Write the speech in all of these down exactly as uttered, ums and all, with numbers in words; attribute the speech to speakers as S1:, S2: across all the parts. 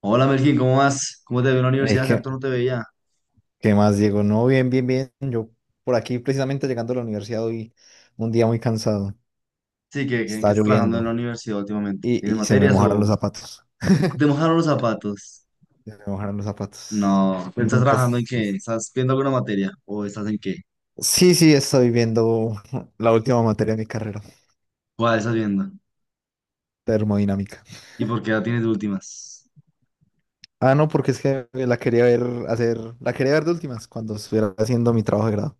S1: Hola Melkin, ¿cómo vas? ¿Cómo te veo en la
S2: Eh,
S1: universidad? Hace
S2: ¿qué,
S1: harto no te veía.
S2: qué más, Diego? No, bien, bien, bien. Yo por aquí precisamente llegando a la universidad hoy, un día muy cansado.
S1: Sí, que, que, que
S2: Está
S1: estás trabajando en la
S2: lloviendo
S1: universidad últimamente. ¿Tienes
S2: y, y se me
S1: materias
S2: mojaron los
S1: o
S2: zapatos.
S1: te mojaron los zapatos?
S2: Se me mojaron los zapatos.
S1: No, ¿estás
S2: Nunca...
S1: trabajando en
S2: es-
S1: qué?
S2: es-
S1: ¿Estás viendo alguna materia? ¿O estás en qué?
S2: Sí, sí, estoy viendo la última materia de mi carrera,
S1: ¿Cuál estás viendo?
S2: termodinámica.
S1: ¿Y por qué la tienes de últimas?
S2: Ah, no, porque es que la quería ver hacer, la quería ver de últimas cuando estuviera haciendo mi trabajo de grado.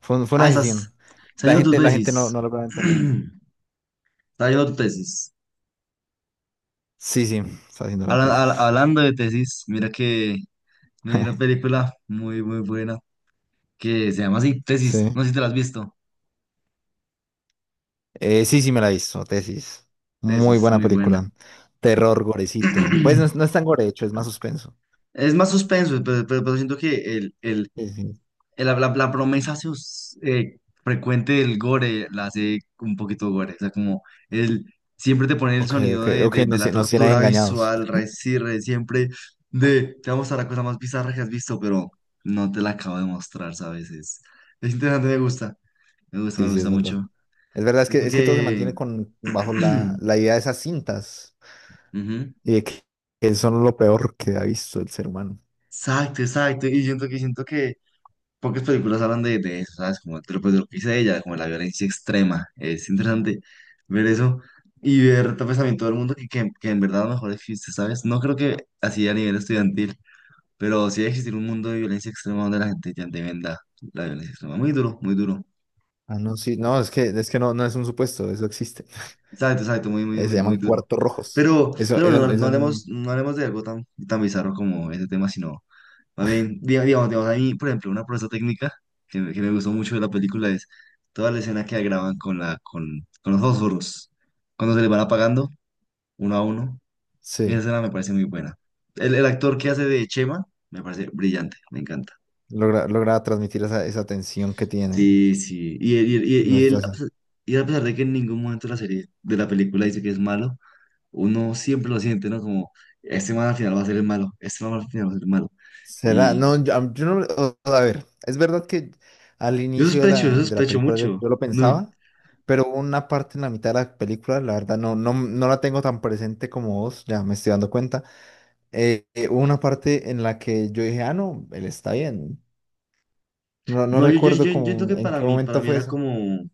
S2: Fue, un- fue una
S1: Ah, estás,
S2: decisión.
S1: estás
S2: La
S1: haciendo tu
S2: gente, la gente no,
S1: tesis.
S2: no logra entender.
S1: Estás haciendo tu tesis.
S2: Sí, sí, está haciendo la
S1: Habla- habla-
S2: tesis.
S1: hablando de tesis, mira que me vi una película muy, muy buena que se llama así, Tesis.
S2: Sí.
S1: No sé si te la has visto.
S2: Eh, sí, sí me la he visto, Tesis. Muy
S1: Tesis,
S2: buena
S1: muy buena.
S2: película. Terror, gorecito. Pues no, es no es tan gore, de hecho, es más suspenso.
S1: Es más suspenso, pero, pero- pero siento que el, el,
S2: Sí, sí.
S1: el- la, la- la promesa sus- eh, frecuente del gore la hace un poquito gore. O sea, como el, siempre te pone el
S2: Ok, ok,
S1: sonido de,
S2: ok,
S1: de, de
S2: nos,
S1: la
S2: tie- nos tiene
S1: tortura
S2: engañados.
S1: visual, re, sí, re, siempre de te vamos a mostrar la cosa más bizarra que has visto, pero no te la acabo de mostrar, ¿sabes? Es, es interesante, me gusta. Me gusta,
S2: Sí,
S1: me
S2: sí,
S1: gusta
S2: es verdad.
S1: mucho.
S2: Es verdad, es
S1: Siento
S2: que, es que todo se
S1: que.
S2: mantiene con, bajo la, la idea de esas cintas
S1: Ujú.
S2: y de que, que son lo peor que ha visto el ser humano.
S1: Exacto, exacto. Y siento que siento que pocas películas hablan de, de eso, ¿sabes? Como de lo, pues, de lo que dice ella, como de la violencia extrema. Es interesante ver eso y ver tal vez también todo el mundo que, que, que en verdad a lo mejor existe, ¿sabes? No creo que así a nivel estudiantil, pero sí debe existir un mundo de violencia extrema donde la gente ya te venda la violencia extrema. Muy duro, muy duro.
S2: Ah, no, sí, no, es que, es que no, no es un supuesto, eso existe.
S1: Exacto, exacto, muy, muy,
S2: Eh, se
S1: muy, muy
S2: llaman
S1: duro.
S2: cuartos rojos.
S1: Pero,
S2: Eso,
S1: pero bueno,
S2: eso,
S1: no, no
S2: eso,
S1: hablemos, no hablemos de algo tan, tan bizarro como ese tema, sino también, diga- digamos, digamos, a mí, por ejemplo, una proeza técnica que, me que me gustó mucho de la película es toda la escena que graban con, la, con, con los fósforos, cuando se les van apagando uno a uno. Esa
S2: sí,
S1: escena me parece muy buena. El, el actor que hace de Chema me parece brillante, me encanta.
S2: logra, logra transmitir esa, esa tensión que tienen
S1: Sí, sí. Y él, y él, y él-
S2: en la
S1: y él, a
S2: situación.
S1: pesar y a pesar de que en ningún momento de la serie de la película dice que es malo, uno siempre lo siente, ¿no? Como, este man al final va a ser el malo, este man al final va a ser el malo.
S2: Será,
S1: Y
S2: no, yo, am- yo no, o- a ver, es verdad que al
S1: yo
S2: inicio de
S1: sospecho, yo
S2: la, de la
S1: sospecho
S2: película yo,
S1: mucho.
S2: yo lo
S1: No,
S2: pensaba, pero hubo una parte en la mitad de la película, la verdad no, no, no la tengo tan presente como vos, ya me estoy dando cuenta, eh, eh, hubo una parte en la que yo dije, ah, no, él está bien, no, no
S1: no, yo, yo,
S2: recuerdo
S1: yo, yo siento
S2: como
S1: que
S2: en
S1: para
S2: qué
S1: mí, para
S2: momento
S1: mí
S2: fue
S1: era
S2: eso.
S1: como,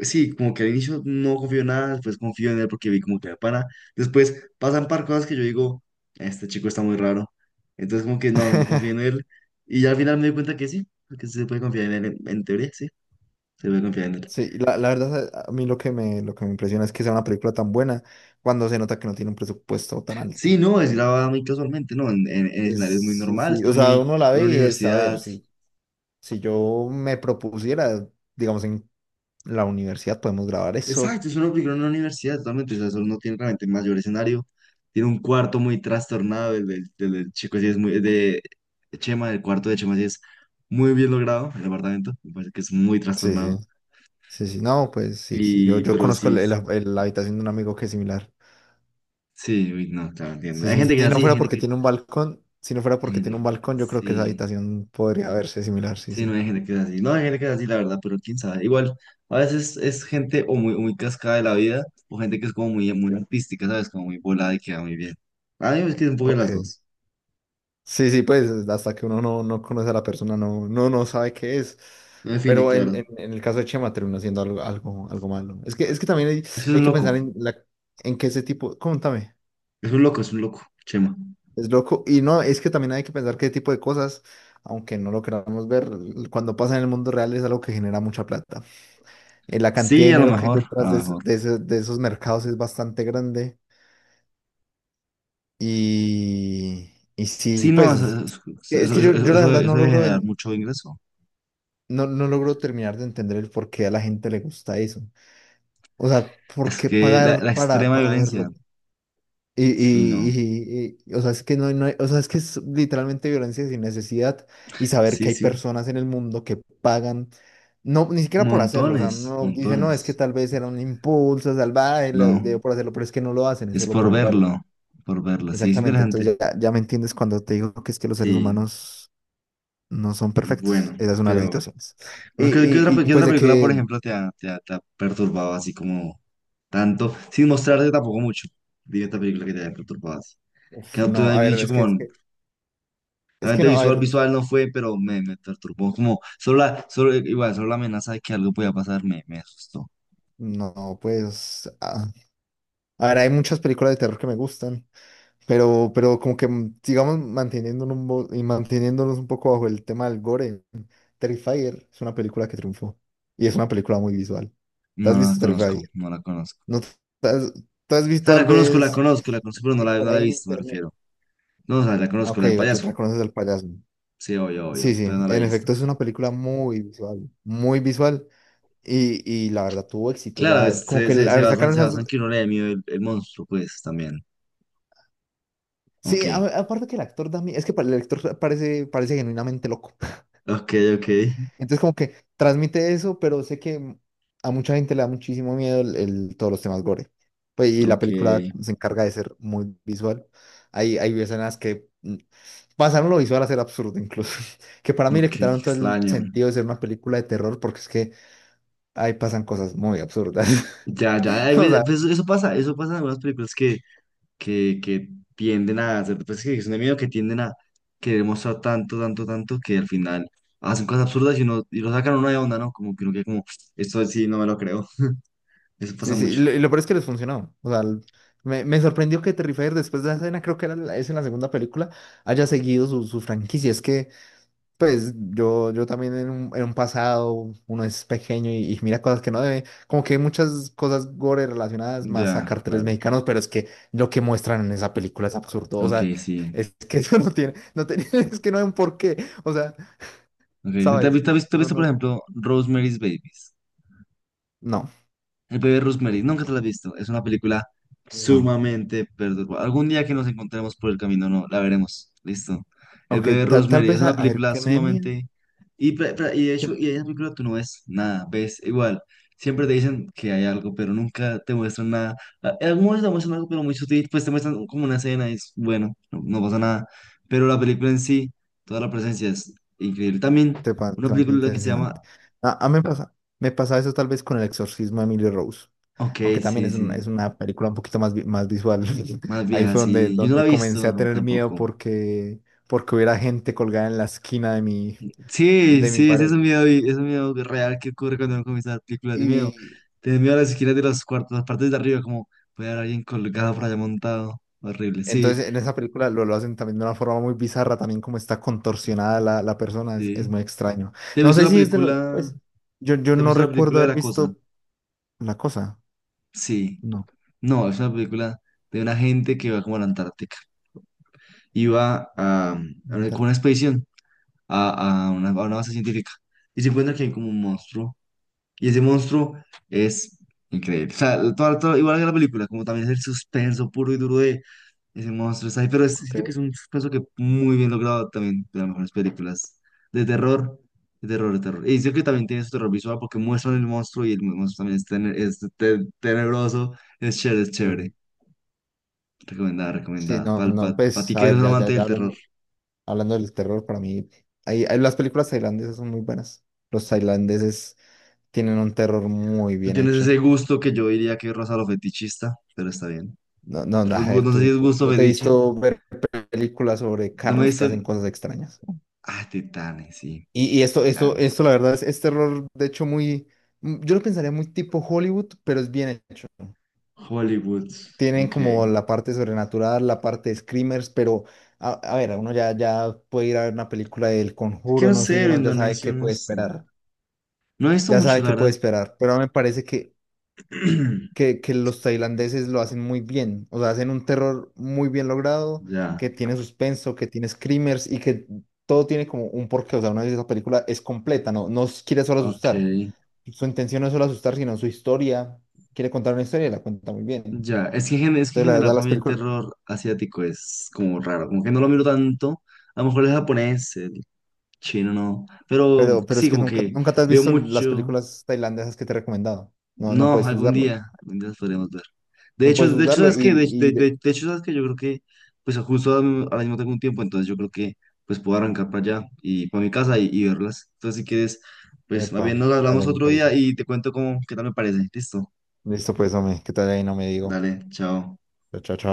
S1: sí, como que al inicio no confío en nada, después confío en él porque vi como que era pana. Después pasan par cosas que yo digo, este chico está muy raro. Entonces como que no, no confío en él. Y ya al final me di cuenta que sí, que sí se puede confiar en él, en, en teoría, sí, se puede confiar en él.
S2: Sí, la, la verdad a a mí lo que me, lo que me impresiona es que sea una película tan buena cuando se nota que no tiene un presupuesto tan
S1: Sí,
S2: alto.
S1: no, es grabada muy casualmente, ¿no? En, en, en
S2: Es,
S1: escenarios muy
S2: sí,
S1: normales,
S2: sí, o
S1: pues
S2: sea,
S1: muy,
S2: uno la
S1: una
S2: ve y es, a ver,
S1: universidad.
S2: sí. Si yo me propusiera, digamos, en la universidad podemos grabar eso.
S1: Exacto, es una película en una universidad totalmente, o sea, eso no tiene realmente mayor escenario. Tiene un cuarto muy trastornado, el del, del- del chico así es muy, de Chema, el cuarto de Chema sí es muy bien logrado, el apartamento, me parece que es muy
S2: Sí, sí.
S1: trastornado.
S2: Sí, sí, no, pues sí, sí, yo,
S1: Y,
S2: yo
S1: pero
S2: conozco el-
S1: sí,
S2: el- el- la habitación de un amigo que es similar.
S1: sí, uy, no, claro, entiendo.
S2: Sí,
S1: Hay
S2: sí, sí,
S1: gente que es
S2: si no
S1: así, hay
S2: fuera
S1: gente
S2: porque
S1: que,
S2: tiene un balcón, si no fuera
S1: hay
S2: porque tiene
S1: gente,
S2: un balcón, yo creo que esa
S1: sí,
S2: habitación podría verse similar, sí,
S1: sí, no
S2: sí.
S1: hay gente que es así, no hay gente que es así, la verdad, pero quién sabe. Igual, a veces es gente o muy, muy cascada de la vida, o gente que es como muy, muy artística, ¿sabes? Como muy volada y queda muy bien. A mí me es que es un poco de
S2: Ok.
S1: las dos.
S2: Sí, sí, pues hasta que uno no, no conoce a la persona, no, no, no sabe qué es.
S1: No define,
S2: Pero en,
S1: claro.
S2: en- en el caso de Chema termina siendo algo, algo, algo malo. Es que, es que también hay,
S1: Es que es
S2: hay
S1: un
S2: que
S1: loco,
S2: pensar en, la, en que ese tipo, contame.
S1: es un loco, es un loco, Chema.
S2: Es loco. Y no, es que también hay que pensar qué tipo de cosas, aunque no lo queramos ver, cuando pasa en el mundo real es algo que genera mucha plata. Eh, la cantidad
S1: Sí,
S2: de
S1: a lo
S2: dinero que hay
S1: mejor, a
S2: detrás
S1: lo
S2: de,
S1: mejor.
S2: es- de ese- de esos mercados es bastante grande. Y, y sí,
S1: Sí, no,
S2: pues
S1: eso,
S2: es
S1: eso,
S2: es
S1: eso-
S2: que yo,
S1: eso-
S2: yo la
S1: eso-
S2: verdad
S1: eso
S2: no
S1: debe
S2: logro,
S1: generar
S2: en-
S1: mucho ingreso.
S2: no, no logro terminar de entender el por qué a la gente le gusta eso. O sea, ¿por
S1: Es
S2: qué
S1: que la,
S2: pagar
S1: la
S2: para,
S1: extrema
S2: para
S1: violencia,
S2: verlo? Y,
S1: sí,
S2: y,
S1: no.
S2: y- y- o sea, es que no, no hay- o sea, es que es literalmente violencia sin necesidad y saber
S1: Sí,
S2: que hay
S1: sí.
S2: personas en el mundo que pagan, no, ni siquiera por hacerlo, o sea,
S1: Montones,
S2: no dice, no, es que
S1: montones.
S2: tal vez era un impulso salvaje, le
S1: No,
S2: dio por hacerlo, pero es que no lo hacen, es
S1: es
S2: solo
S1: por
S2: por verlo.
S1: verlo, por verlo. Sí, es
S2: Exactamente,
S1: interesante.
S2: entonces ya, ya me entiendes cuando te digo que es que los seres
S1: Sí,
S2: humanos no son perfectos,
S1: bueno,
S2: esa es una de las
S1: pero...
S2: situaciones. Y,
S1: Bueno, ¿qué, qué otra,
S2: y,
S1: pe-
S2: y,
S1: qué
S2: pues
S1: otra
S2: de
S1: película, por
S2: que,
S1: ejemplo, te ha, te ha- te ha perturbado así como tanto? Sin mostrarte tampoco mucho. Dime esta película que te haya perturbado que
S2: uf,
S1: no te
S2: no,
S1: había
S2: a ver,
S1: dicho
S2: es que,
S1: como,
S2: es que, es que
S1: realmente
S2: no, a
S1: visual,
S2: ver,
S1: visual no fue, pero me, me perturbó, como, solo la, solo, igual, solo la amenaza de que algo podía pasar me, me asustó.
S2: no, pues, ah, a ver, hay muchas películas de terror que me gustan. Pero, pero como que mm, sigamos manteniéndonos un, bo- y manteniéndonos un poco bajo el tema del gore. Terrifier es una película que triunfó y es una película muy visual. ¿Te
S1: No,
S2: has
S1: no la
S2: visto
S1: conozco,
S2: Terrifier?
S1: no la conozco.
S2: ¿No te has, te has
S1: O
S2: visto
S1: sea, la
S2: tal
S1: conozco, la
S2: vez
S1: conozco, la conozco, pero no
S2: eh,
S1: la, no
S2: por
S1: la he
S2: ahí en
S1: visto, me
S2: internet?
S1: refiero. No, o sea, la
S2: Ah,
S1: conozco,
S2: Ok,
S1: la del
S2: o te
S1: payaso.
S2: reconoces al payaso.
S1: Sí, obvio,
S2: Sí,
S1: obvio,
S2: sí,
S1: pero no la he
S2: en
S1: visto.
S2: efecto es una película muy visual, muy visual y, y la verdad tuvo éxito.
S1: Claro,
S2: Ya
S1: es-
S2: como
S1: se,
S2: que
S1: se, se
S2: la-
S1: basa,
S2: sacaron
S1: se basa en
S2: esas...
S1: que uno le dé miedo el, el monstruo, pues, también. Ok,
S2: Sí, a- aparte que el actor también, es que pa- el actor parece, parece genuinamente loco.
S1: ok, ok,
S2: Entonces como que transmite eso, pero sé que a mucha gente le da muchísimo miedo el, el- todos los temas gore. Pues, y la película
S1: ok,
S2: se encarga de ser muy visual. Hay, hay escenas que mm, pasaron lo visual a ser absurdo incluso. Que para mí
S1: ok,
S2: le
S1: qué
S2: quitaron todo el
S1: extraño.
S2: sentido de ser una película de terror porque es que ahí pasan cosas muy absurdas.
S1: Ya, ya, hay
S2: O sea,
S1: pues, eso pasa, eso pasa en algunas películas que que, que tienden a hacer, pues que es de miedo, que tienden a querer mostrar tanto, tanto, tanto, que al final hacen cosas absurdas y, uno, y lo sacan a uno de onda, ¿no? Como que uno queda como, esto sí, no me lo creo. Eso pasa
S2: sí, sí.
S1: mucho.
S2: Lo, y lo peor es que les funcionó. O sea, l- me, me sorprendió que Terrifier después de la escena, creo que era la, es en la segunda película, haya seguido su, su franquicia. Es que... Pues yo, yo también en un, en un pasado, uno es pequeño y, y mira cosas que no debe, como que hay muchas cosas gore relacionadas más a
S1: Ya,
S2: carteles
S1: claro.
S2: mexicanos, pero es que lo que muestran en esa película es absurdo, o sea,
S1: Ok, sí.
S2: es que eso no tiene, no tiene, es que no hay un porqué, o sea,
S1: Ok, ¿te, te has
S2: ¿sabes?
S1: visto, te has
S2: No,
S1: visto, por
S2: no,
S1: ejemplo, Rosemary's Babies?
S2: no,
S1: El bebé Rosemary, nunca te la has visto. Es una película
S2: no.
S1: sumamente perturbadora. Algún día que nos encontremos por el camino, no, la veremos. Listo. El
S2: Ok,
S1: bebé
S2: ta- tal
S1: Rosemary es
S2: vez, a,
S1: una
S2: a ver,
S1: película
S2: ¿qué me mía?
S1: sumamente... Y, pre- pre- y de hecho, y en esa película tú no ves nada, ves igual. Siempre te dicen que hay algo, pero nunca te muestran nada. A- En algún momento te muestran algo, pero muy sutil, pues te muestran como una escena y es bueno, no, no pasa nada. Pero la película en sí, toda la presencia es increíble. También
S2: Te, pa-
S1: una
S2: te mantiene
S1: película que se llama...
S2: tensionante. A, a mí me pasa, me pasa eso tal vez con El Exorcismo de Emily Rose,
S1: Ok,
S2: aunque también
S1: sí,
S2: es, un-
S1: sí.
S2: es una película un poquito más, vi- más visual.
S1: Más
S2: Ahí
S1: vieja,
S2: fue donde,
S1: sí. Yo no la
S2: donde
S1: he
S2: comencé
S1: visto
S2: a
S1: no,
S2: tener miedo
S1: tampoco.
S2: porque, porque hubiera gente colgada en la esquina de mi,
S1: Sí,
S2: de mi
S1: sí, ese
S2: pared.
S1: es un miedo, y- es un miedo real que ocurre cuando uno comienza a ver películas de miedo.
S2: Y
S1: Te da miedo a las esquinas de los cuartos, las partes de arriba, como puede haber alguien colgado por
S2: epa,
S1: allá montado. Horrible, sí,
S2: entonces en esa película lo, lo hacen también de una forma muy bizarra, también como está contorsionada la, la persona, es, es
S1: sí.
S2: muy extraño.
S1: ¿Te has
S2: No
S1: visto
S2: sé
S1: la
S2: si es de los,
S1: película?
S2: pues, yo, yo
S1: ¿Te has
S2: no
S1: visto la
S2: recuerdo
S1: película de
S2: haber
S1: La Cosa?
S2: visto la cosa.
S1: Sí.
S2: No.
S1: No, es una película de una gente que va como a la Antártica. Iba a, a una, como una
S2: Intarte.
S1: expedición a, a una, a una base científica. Y se encuentra que hay como un monstruo. Y ese monstruo es increíble. O sea, todo- todo- igual que la película, como también es el suspenso puro y duro de ese monstruo. Está ahí, pero es-
S2: Ok.
S1: siento que es un suspenso que muy bien logrado también de las mejores películas de terror, de terror, de terror. Y siento que también tiene su terror visual porque muestran el monstruo y el monstruo también es, tene- es te- tenebroso. Es chévere, es
S2: Sí,
S1: chévere.
S2: sí.
S1: Recomendada,
S2: Sí,
S1: recomendada.
S2: no, no,
S1: Para ti
S2: pues,
S1: que
S2: a
S1: eres
S2: ver,
S1: un
S2: ya, ya,
S1: amante
S2: ya
S1: del terror.
S2: hablando, hablando del terror, para mí, hay, hay- las películas tailandesas son muy buenas. Los tailandeses tienen un terror muy
S1: Tú
S2: bien
S1: tienes ese
S2: hecho.
S1: gusto que yo diría que rosa lo fetichista, pero está bien.
S2: No, no, no,
S1: Ru-
S2: a ver,
S1: No sé si
S2: tú,
S1: es
S2: tú-
S1: gusto
S2: yo te he
S1: fetiche.
S2: visto ver películas sobre
S1: No me he
S2: carros que
S1: visto.
S2: hacen cosas extrañas.
S1: Ah, Titanes, sí,
S2: Y, y esto, esto,
S1: Titanes.
S2: esto, la verdad, es, es terror, de hecho, muy, mm, yo lo pensaría muy tipo Hollywood, pero es bien hecho.
S1: Hollywood,
S2: Tienen como
S1: ok.
S2: la parte sobrenatural, la parte de screamers, pero a, a ver, uno ya, ya puede ir a ver una película del
S1: Que
S2: Conjuro,
S1: no
S2: no sé,
S1: sé,
S2: y
S1: el
S2: uno ya sabe
S1: indonesio,
S2: qué
S1: no
S2: puede
S1: sé.
S2: esperar,
S1: No he visto
S2: ya
S1: mucho,
S2: sabe
S1: la
S2: qué puede
S1: verdad.
S2: esperar, pero me parece que, que, que los tailandeses lo hacen muy bien, o sea, hacen un terror muy bien logrado,
S1: Ya,
S2: que tiene suspenso, que tiene screamers y que todo tiene como un porqué, o sea, una vez esa película es completa, no, no quiere solo
S1: ok.
S2: asustar, su intención no es solo asustar, sino su historia, quiere contar una historia y la cuenta muy bien. Entonces,
S1: Ya, es que, en gen- es que en
S2: la
S1: general
S2: verdad,
S1: para
S2: las
S1: mí el
S2: películas...
S1: terror asiático es como raro, como que no lo miro tanto. A lo mejor el japonés, el chino, no. Pero
S2: Pero, pero
S1: sí,
S2: es que
S1: como
S2: nunca,
S1: que
S2: nunca te has
S1: veo
S2: visto las
S1: mucho.
S2: películas tailandesas que te he recomendado. No, no
S1: No,
S2: puedes
S1: algún
S2: juzgarlo.
S1: día, algún día las podremos ver. De
S2: No puedes
S1: hecho, de hecho,
S2: juzgarlo y,
S1: ¿sabes qué? De, de-
S2: y de-
S1: de- de hecho, ¿sabes qué? Yo creo que, pues justo ahora mismo ahora mismo tengo un tiempo, entonces yo creo que, pues puedo arrancar para allá y para mi casa y, y verlas. Entonces, si quieres, pues más bien
S2: Epa,
S1: nos hablamos
S2: dale, me
S1: otro día
S2: parece.
S1: y te cuento cómo, qué tal me parece. Listo.
S2: Listo, pues, hombre, ¿qué tal ahí? No me digo.
S1: Dale, chao.
S2: Chao, chao. Chao.